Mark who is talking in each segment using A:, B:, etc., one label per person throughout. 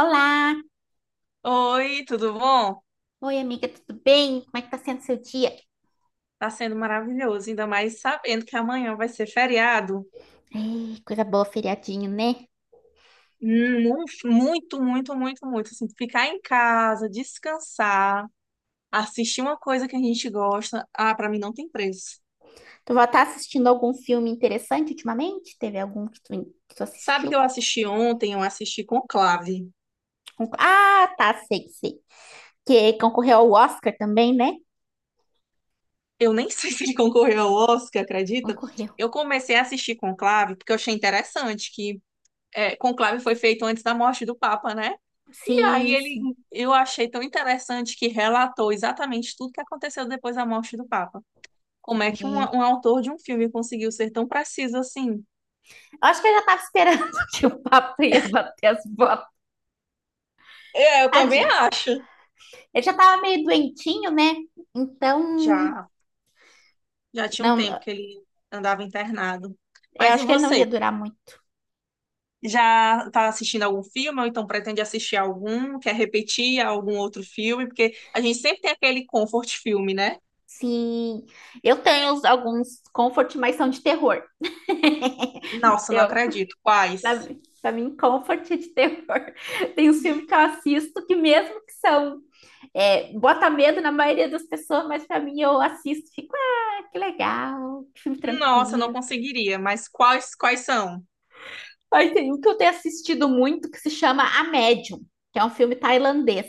A: Olá!
B: Oi, tudo bom?
A: Oi, amiga, tudo bem? Como é que tá sendo seu dia?
B: Tá sendo maravilhoso, ainda mais sabendo que amanhã vai ser feriado.
A: Ei, coisa boa, feriadinho, né?
B: Hum, Muito, muito, muito, muito. Assim, ficar em casa, descansar, assistir uma coisa que a gente gosta. Ah, pra mim não tem preço.
A: Tu vai estar assistindo algum filme interessante ultimamente? Teve algum que tu
B: Sabe que eu
A: assistiu?
B: assisti ontem, eu assisti Conclave.
A: Ah, tá, sei, sei. Que concorreu ao Oscar também, né?
B: Eu nem sei se ele concorreu ao Oscar, acredita?
A: Concorreu.
B: Eu comecei a assistir Conclave porque eu achei interessante que Conclave foi feito antes da morte do Papa, né? E aí
A: Sim,
B: ele,
A: sim.
B: eu achei tão interessante que relatou exatamente tudo que aconteceu depois da morte do Papa. Como é que um,
A: É.
B: um autor de um filme conseguiu ser tão preciso assim?
A: Eu acho que eu já tava esperando que o papo ia bater as botas.
B: É, eu também
A: Tadinho.
B: acho.
A: Ele já tava meio doentinho, né? Então,
B: Já, já tinha um
A: não,
B: tempo que ele andava internado.
A: eu
B: Mas e
A: acho que ele não
B: você?
A: ia durar muito.
B: Já está assistindo algum filme ou então pretende assistir algum? Quer repetir algum outro filme? Porque a gente sempre tem aquele comfort filme, né?
A: Sim, eu tenho alguns comfort, mas são de terror.
B: Nossa, não
A: Eu,
B: acredito.
A: pra,
B: Quais?
A: mim- pra mim, comfort é de terror. Tem uns filmes que eu assisto que mesmo que são, bota medo na maioria das pessoas, mas pra mim eu assisto, e fico, ah, que legal, que filme
B: Nossa, não
A: tranquilo.
B: conseguiria. Mas quais são?
A: Aí tem um que eu tenho assistido muito que se chama A Médium, que é um filme tailandês,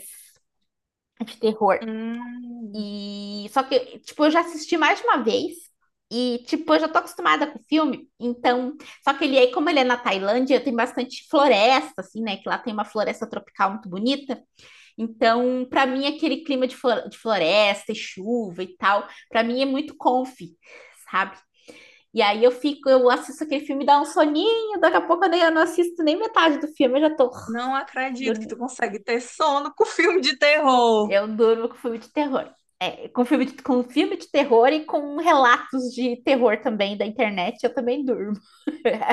A: é de terror.
B: Hum.
A: E só que, tipo, eu já assisti mais de uma vez e, tipo, eu já tô acostumada com o filme, então, só que ele aí, como ele é na Tailândia, tem bastante floresta, assim, né? Que lá tem uma floresta tropical muito bonita. Então, pra mim, aquele clima de, de floresta e chuva e tal, pra mim é muito comfy, sabe? E aí eu fico, eu assisto aquele filme, dá um soninho, daqui a pouco eu não assisto nem metade do filme, eu já tô
B: Não acredito que tu
A: dormindo.
B: consegue ter sono com filme de terror.
A: Eu durmo com filme de terror. É, com filme de, terror e com relatos de terror também da internet, eu também durmo.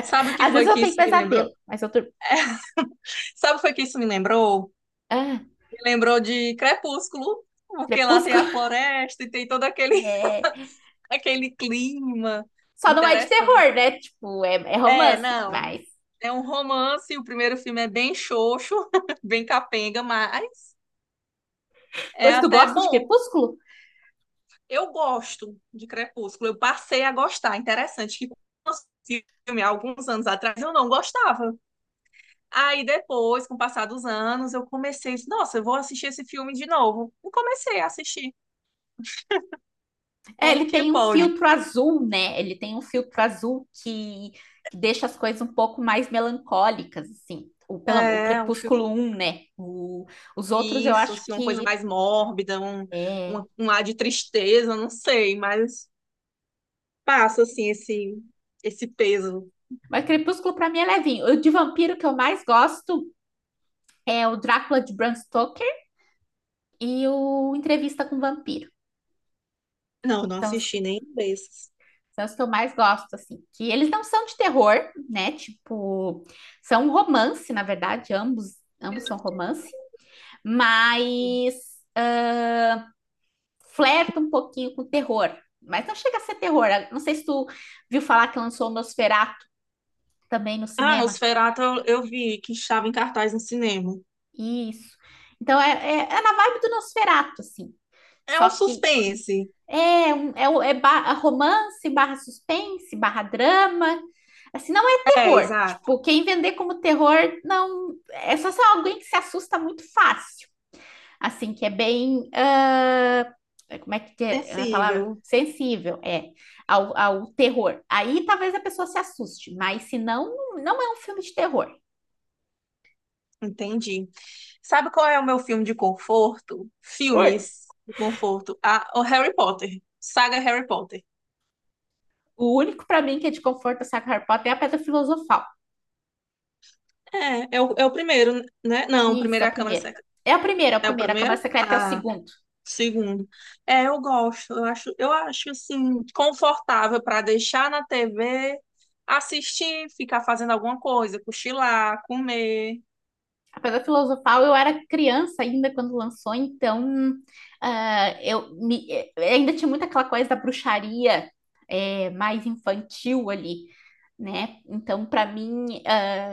B: Sabe o que
A: Às
B: foi
A: vezes eu
B: que
A: tenho
B: isso me lembrou?
A: pesadelo, mas eu durmo.
B: Sabe o que foi que isso me lembrou?
A: Ah,
B: Me lembrou de Crepúsculo, porque lá tem
A: Crepúsculo.
B: a floresta e tem todo aquele,
A: É,
B: aquele clima
A: só não é de
B: interessante.
A: terror, né? Tipo, é
B: É,
A: romance,
B: não,
A: mas.
B: é um romance, o primeiro filme é bem xoxo, bem capenga, mas é
A: Pois tu
B: até
A: gosta de
B: bom.
A: Crepúsculo?
B: Eu gosto de Crepúsculo, eu passei a gostar. Interessante que quando eu assisti o filme há alguns anos atrás eu não gostava. Aí depois, com o passar dos anos, eu comecei, nossa, eu vou assistir esse filme de novo. E comecei a assistir.
A: É,
B: Como
A: ele
B: que
A: tem um
B: pode?
A: filtro azul, né? Ele tem um filtro azul que deixa as coisas um pouco mais melancólicas, assim. O
B: É, um filme,
A: Crepúsculo um, né? Os outros eu
B: isso,
A: acho
B: assim, uma coisa
A: que
B: mais mórbida, um,
A: é.
B: um, um ar de tristeza, não sei, mas passa, assim, esse peso.
A: Mas Crepúsculo pra mim é levinho. O de vampiro que eu mais gosto é o Drácula de Bram Stoker e o Entrevista com o Vampiro.
B: Não, não
A: São os,
B: assisti nenhum desses.
A: são os que eu mais gosto, assim. Que eles não são de terror, né? Tipo, são um romance, na verdade, ambos são romance, mas ah, flerta um pouquinho com terror. Mas não chega a ser terror. Não sei se tu viu falar que lançou o Nosferatu também no
B: Ah,
A: cinema.
B: Nosferatu eu vi que estava em cartaz no cinema.
A: Isso. Então é na vibe do Nosferatu, assim.
B: É
A: Só
B: um
A: que
B: suspense.
A: É, um- Romance, barra suspense, barra drama. Assim, não é
B: É,
A: terror.
B: exato.
A: Tipo, quem vender como terror, não. É só se é alguém que se assusta muito fácil. Assim, que é bem, como é que é a palavra?
B: Sensível.
A: Sensível, é, ao terror. Aí talvez a pessoa se assuste, mas se não, não é um filme de terror.
B: Entendi. Sabe qual é o meu filme de conforto?
A: Oi.
B: Filmes de conforto. Ah, o Harry Potter. Saga Harry Potter.
A: O único pra mim que é de conforto, saca Harry Potter, é a Pedra Filosofal.
B: É, é o primeiro, né? Não, o
A: Isso,
B: primeiro
A: é
B: é
A: o
B: a Câmara
A: primeiro.
B: Secreta.
A: É o primeiro, é o
B: É o
A: primeiro. A Câmara
B: primeiro?
A: Secreta é o
B: Ah,
A: segundo.
B: segundo. É, eu gosto. Eu acho assim, confortável para deixar na TV, assistir, ficar fazendo alguma coisa, cochilar, comer.
A: Pedra Filosofal, eu era criança ainda quando lançou, então ainda tinha muito aquela coisa da bruxaria, mais infantil ali, né? Então, para mim,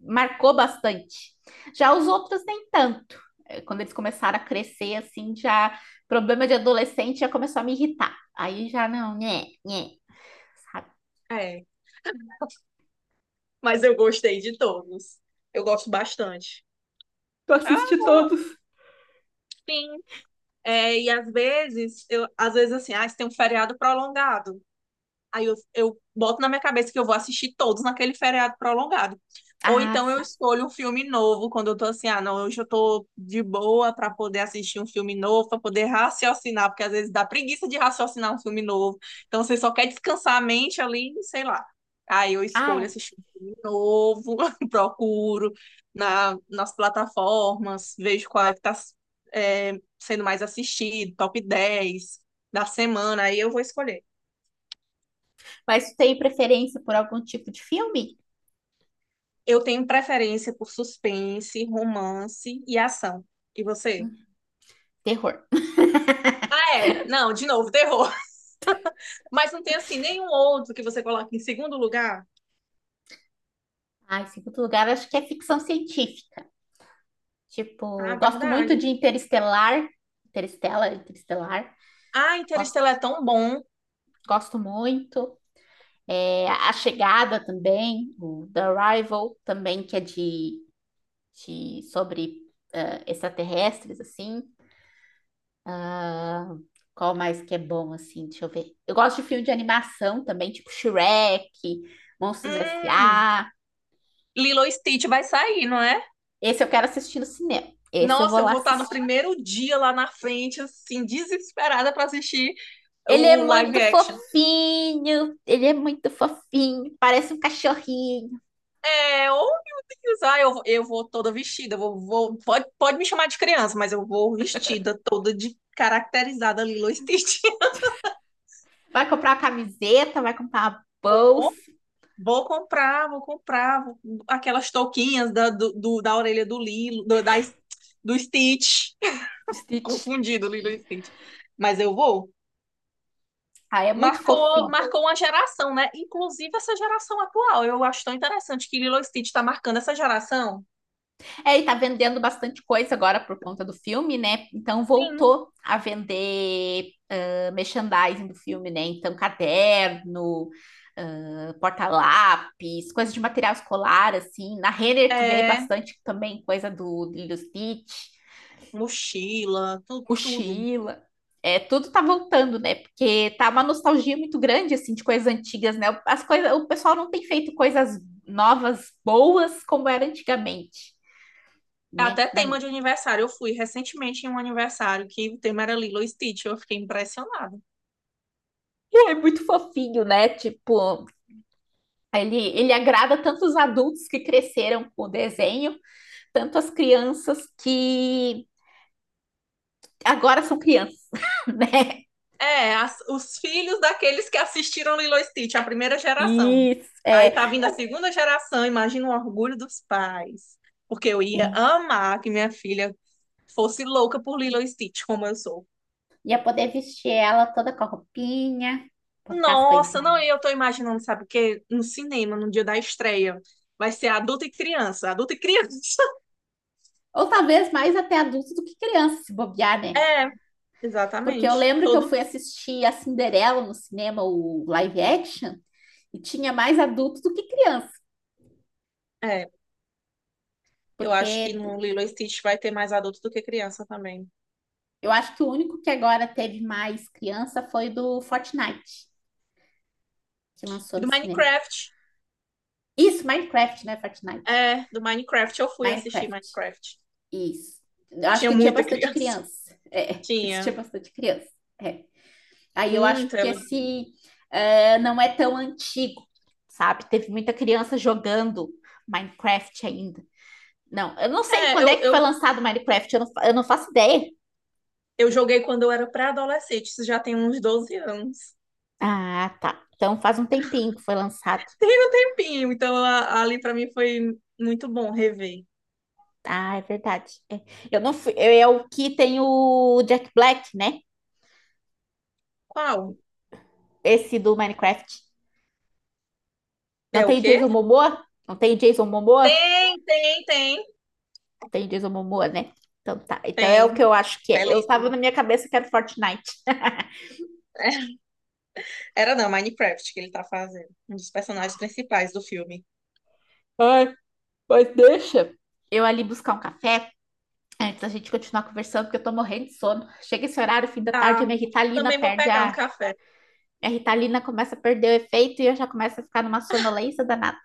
A: marcou bastante. Já os outros, nem tanto. Quando eles começaram a crescer, assim, já problema de adolescente já começou a me irritar. Aí já não, né, sabe?
B: É, mas eu gostei de todos. Eu gosto bastante.
A: Tu
B: Ah,
A: assiste todos.
B: sim. É, e às vezes, às vezes assim, ah, se tem um feriado prolongado. Aí eu boto na minha cabeça que eu vou assistir todos naquele feriado prolongado. Ou
A: Ah,
B: então eu
A: sim.
B: escolho um filme novo, quando eu tô assim, ah, não, hoje eu tô de boa para poder assistir um filme novo, para poder raciocinar, porque às vezes dá preguiça de raciocinar um filme novo. Então você só quer descansar a mente ali, sei lá. Aí eu escolho
A: Ah, é.
B: assistir um filme novo, procuro nas plataformas, vejo qual é que tá, é, sendo mais assistido, top 10 da semana, aí eu vou escolher.
A: Mas tu tem preferência por algum tipo de filme?
B: Eu tenho preferência por suspense, romance e ação. E você?
A: Hum, Terror.
B: Ah, é. Não, de novo, terror. Mas não tem assim nenhum outro que você coloque em segundo lugar?
A: Ah, em segundo lugar, acho que é ficção científica. Tipo,
B: Ah,
A: gosto muito
B: verdade.
A: de Interestelar. Interestelar.
B: Ah,
A: Gosto,
B: Interestelar é tão bom.
A: gosto muito. É, A Chegada também, o The Arrival também, que é de, sobre extraterrestres, assim. Ah, qual mais que é bom, assim? Deixa eu ver. Eu gosto de filme de animação também, tipo Shrek, Monstros S
B: Hum,
A: A
B: Lilo e Stitch vai sair, não é?
A: Esse eu quero assistir no cinema. Esse eu vou
B: Nossa, eu
A: lá
B: vou estar no
A: assistir.
B: primeiro dia lá na frente, assim, desesperada para assistir
A: Ele é
B: o live
A: muito
B: action.
A: fofinho, ele é muito fofinho, parece um cachorrinho.
B: É, ou meu Deus, ah, eu vou toda vestida, vou, pode me chamar de criança, mas eu vou vestida toda de caracterizada Lilo Stitch.
A: Vai comprar uma camiseta, vai comprar uma bolsa
B: Vou, vou comprar aquelas touquinhas da orelha do Lilo, do Stitch.
A: do Stitch.
B: Confundido, Lilo e Stitch. Mas eu vou.
A: Ah, é muito
B: Marcou,
A: fofinho.
B: marcou uma geração, né? Inclusive essa geração atual. Eu acho tão interessante que Lilo e Stitch está marcando essa geração.
A: É, ele tá vendendo bastante coisa agora por conta do filme, né? Então
B: Sim.
A: voltou a vender merchandising do filme, né? Então caderno, porta-lápis, coisa de material escolar, assim. Na Renner tu vê
B: É,
A: bastante também coisa do Lilo Stitch.
B: mochila, tudo.
A: Mochila. É, tudo tá voltando, né? Porque tá uma nostalgia muito grande, assim, de coisas antigas, né? As coisas, o pessoal não tem feito coisas novas, boas, como era antigamente, né?
B: Até tema de aniversário. Eu fui recentemente em um aniversário que o tema era Lilo e Stitch. Eu fiquei impressionada.
A: E é muito fofinho, né? Tipo, ele agrada tanto os adultos que cresceram com o desenho, tanto as crianças que agora são crianças, né?
B: É, os filhos daqueles que assistiram Lilo e Stitch, a primeira geração.
A: Isso,
B: Aí
A: é.
B: tá vindo a segunda geração, imagina o orgulho dos pais. Porque eu
A: É.
B: ia amar que minha filha fosse louca por Lilo e Stitch, como eu sou.
A: Ia poder vestir ela toda com a roupinha, botar as
B: Nossa, não, e
A: coisinhas.
B: eu tô imaginando, sabe o quê? No cinema, no dia da estreia. Vai ser adulto e criança, adulto e criança.
A: Ou talvez mais até adulto do que criança, se bobear, né?
B: É,
A: Porque eu
B: exatamente.
A: lembro que eu
B: Todo.
A: fui assistir a Cinderela no cinema, o live action, e tinha mais adultos do que criança.
B: É. Eu
A: Porque
B: acho que no Lilo e Stitch vai ter mais adulto do que criança também.
A: eu acho que o único que agora teve mais criança foi do Fortnite, que lançou
B: E
A: no
B: do
A: cinema.
B: Minecraft,
A: Isso, Minecraft, né? Fortnite.
B: é, do Minecraft eu fui assistir
A: Minecraft.
B: Minecraft.
A: Isso. Eu acho
B: Tinha
A: que tinha
B: muita
A: bastante
B: criança.
A: criança. É, isso tinha
B: Tinha.
A: bastante criança. É. Aí eu acho
B: Muita.
A: que
B: Elas.
A: esse, não é tão antigo, sabe? Teve muita criança jogando Minecraft ainda. Não, eu não sei
B: É,
A: quando é
B: eu,
A: que foi
B: eu,
A: lançado Minecraft, eu não faço ideia.
B: eu joguei quando eu era pré-adolescente, isso já tem uns 12 anos.
A: Ah, tá. Então faz um tempinho que foi lançado.
B: Tem um tempinho, então ali pra mim foi muito bom rever.
A: Ah, é verdade. É. Eu não fui, é o que tem o Jack Black, né?
B: Qual?
A: Esse do Minecraft. Não
B: É o
A: tem o
B: quê?
A: Jason Momoa? Não tem o Jason Momoa?
B: Tem, tem, tem,
A: Tem o Jason Momoa, né? Então tá. Então é o que
B: tem.
A: eu acho que é. Eu tava
B: Belíssimo.
A: na minha cabeça que era Fortnite.
B: Era não, Minecraft que ele tá fazendo. Um dos personagens principais do filme.
A: Ai, mas deixa. Eu ali buscar um café antes da gente continuar conversando, porque eu tô morrendo de sono. Chega esse horário, fim da tarde, a
B: Tá.
A: minha Ritalina
B: Também vou
A: perde
B: pegar um
A: a.
B: café.
A: Minha Ritalina começa a perder o efeito e eu já começo a ficar numa sonolência danada.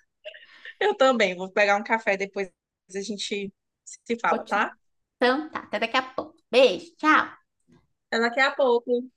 B: Eu também vou pegar um café depois a gente se fala,
A: Continu-
B: tá?
A: Então tá, até daqui a pouco. Beijo, tchau.
B: Até daqui a pouco.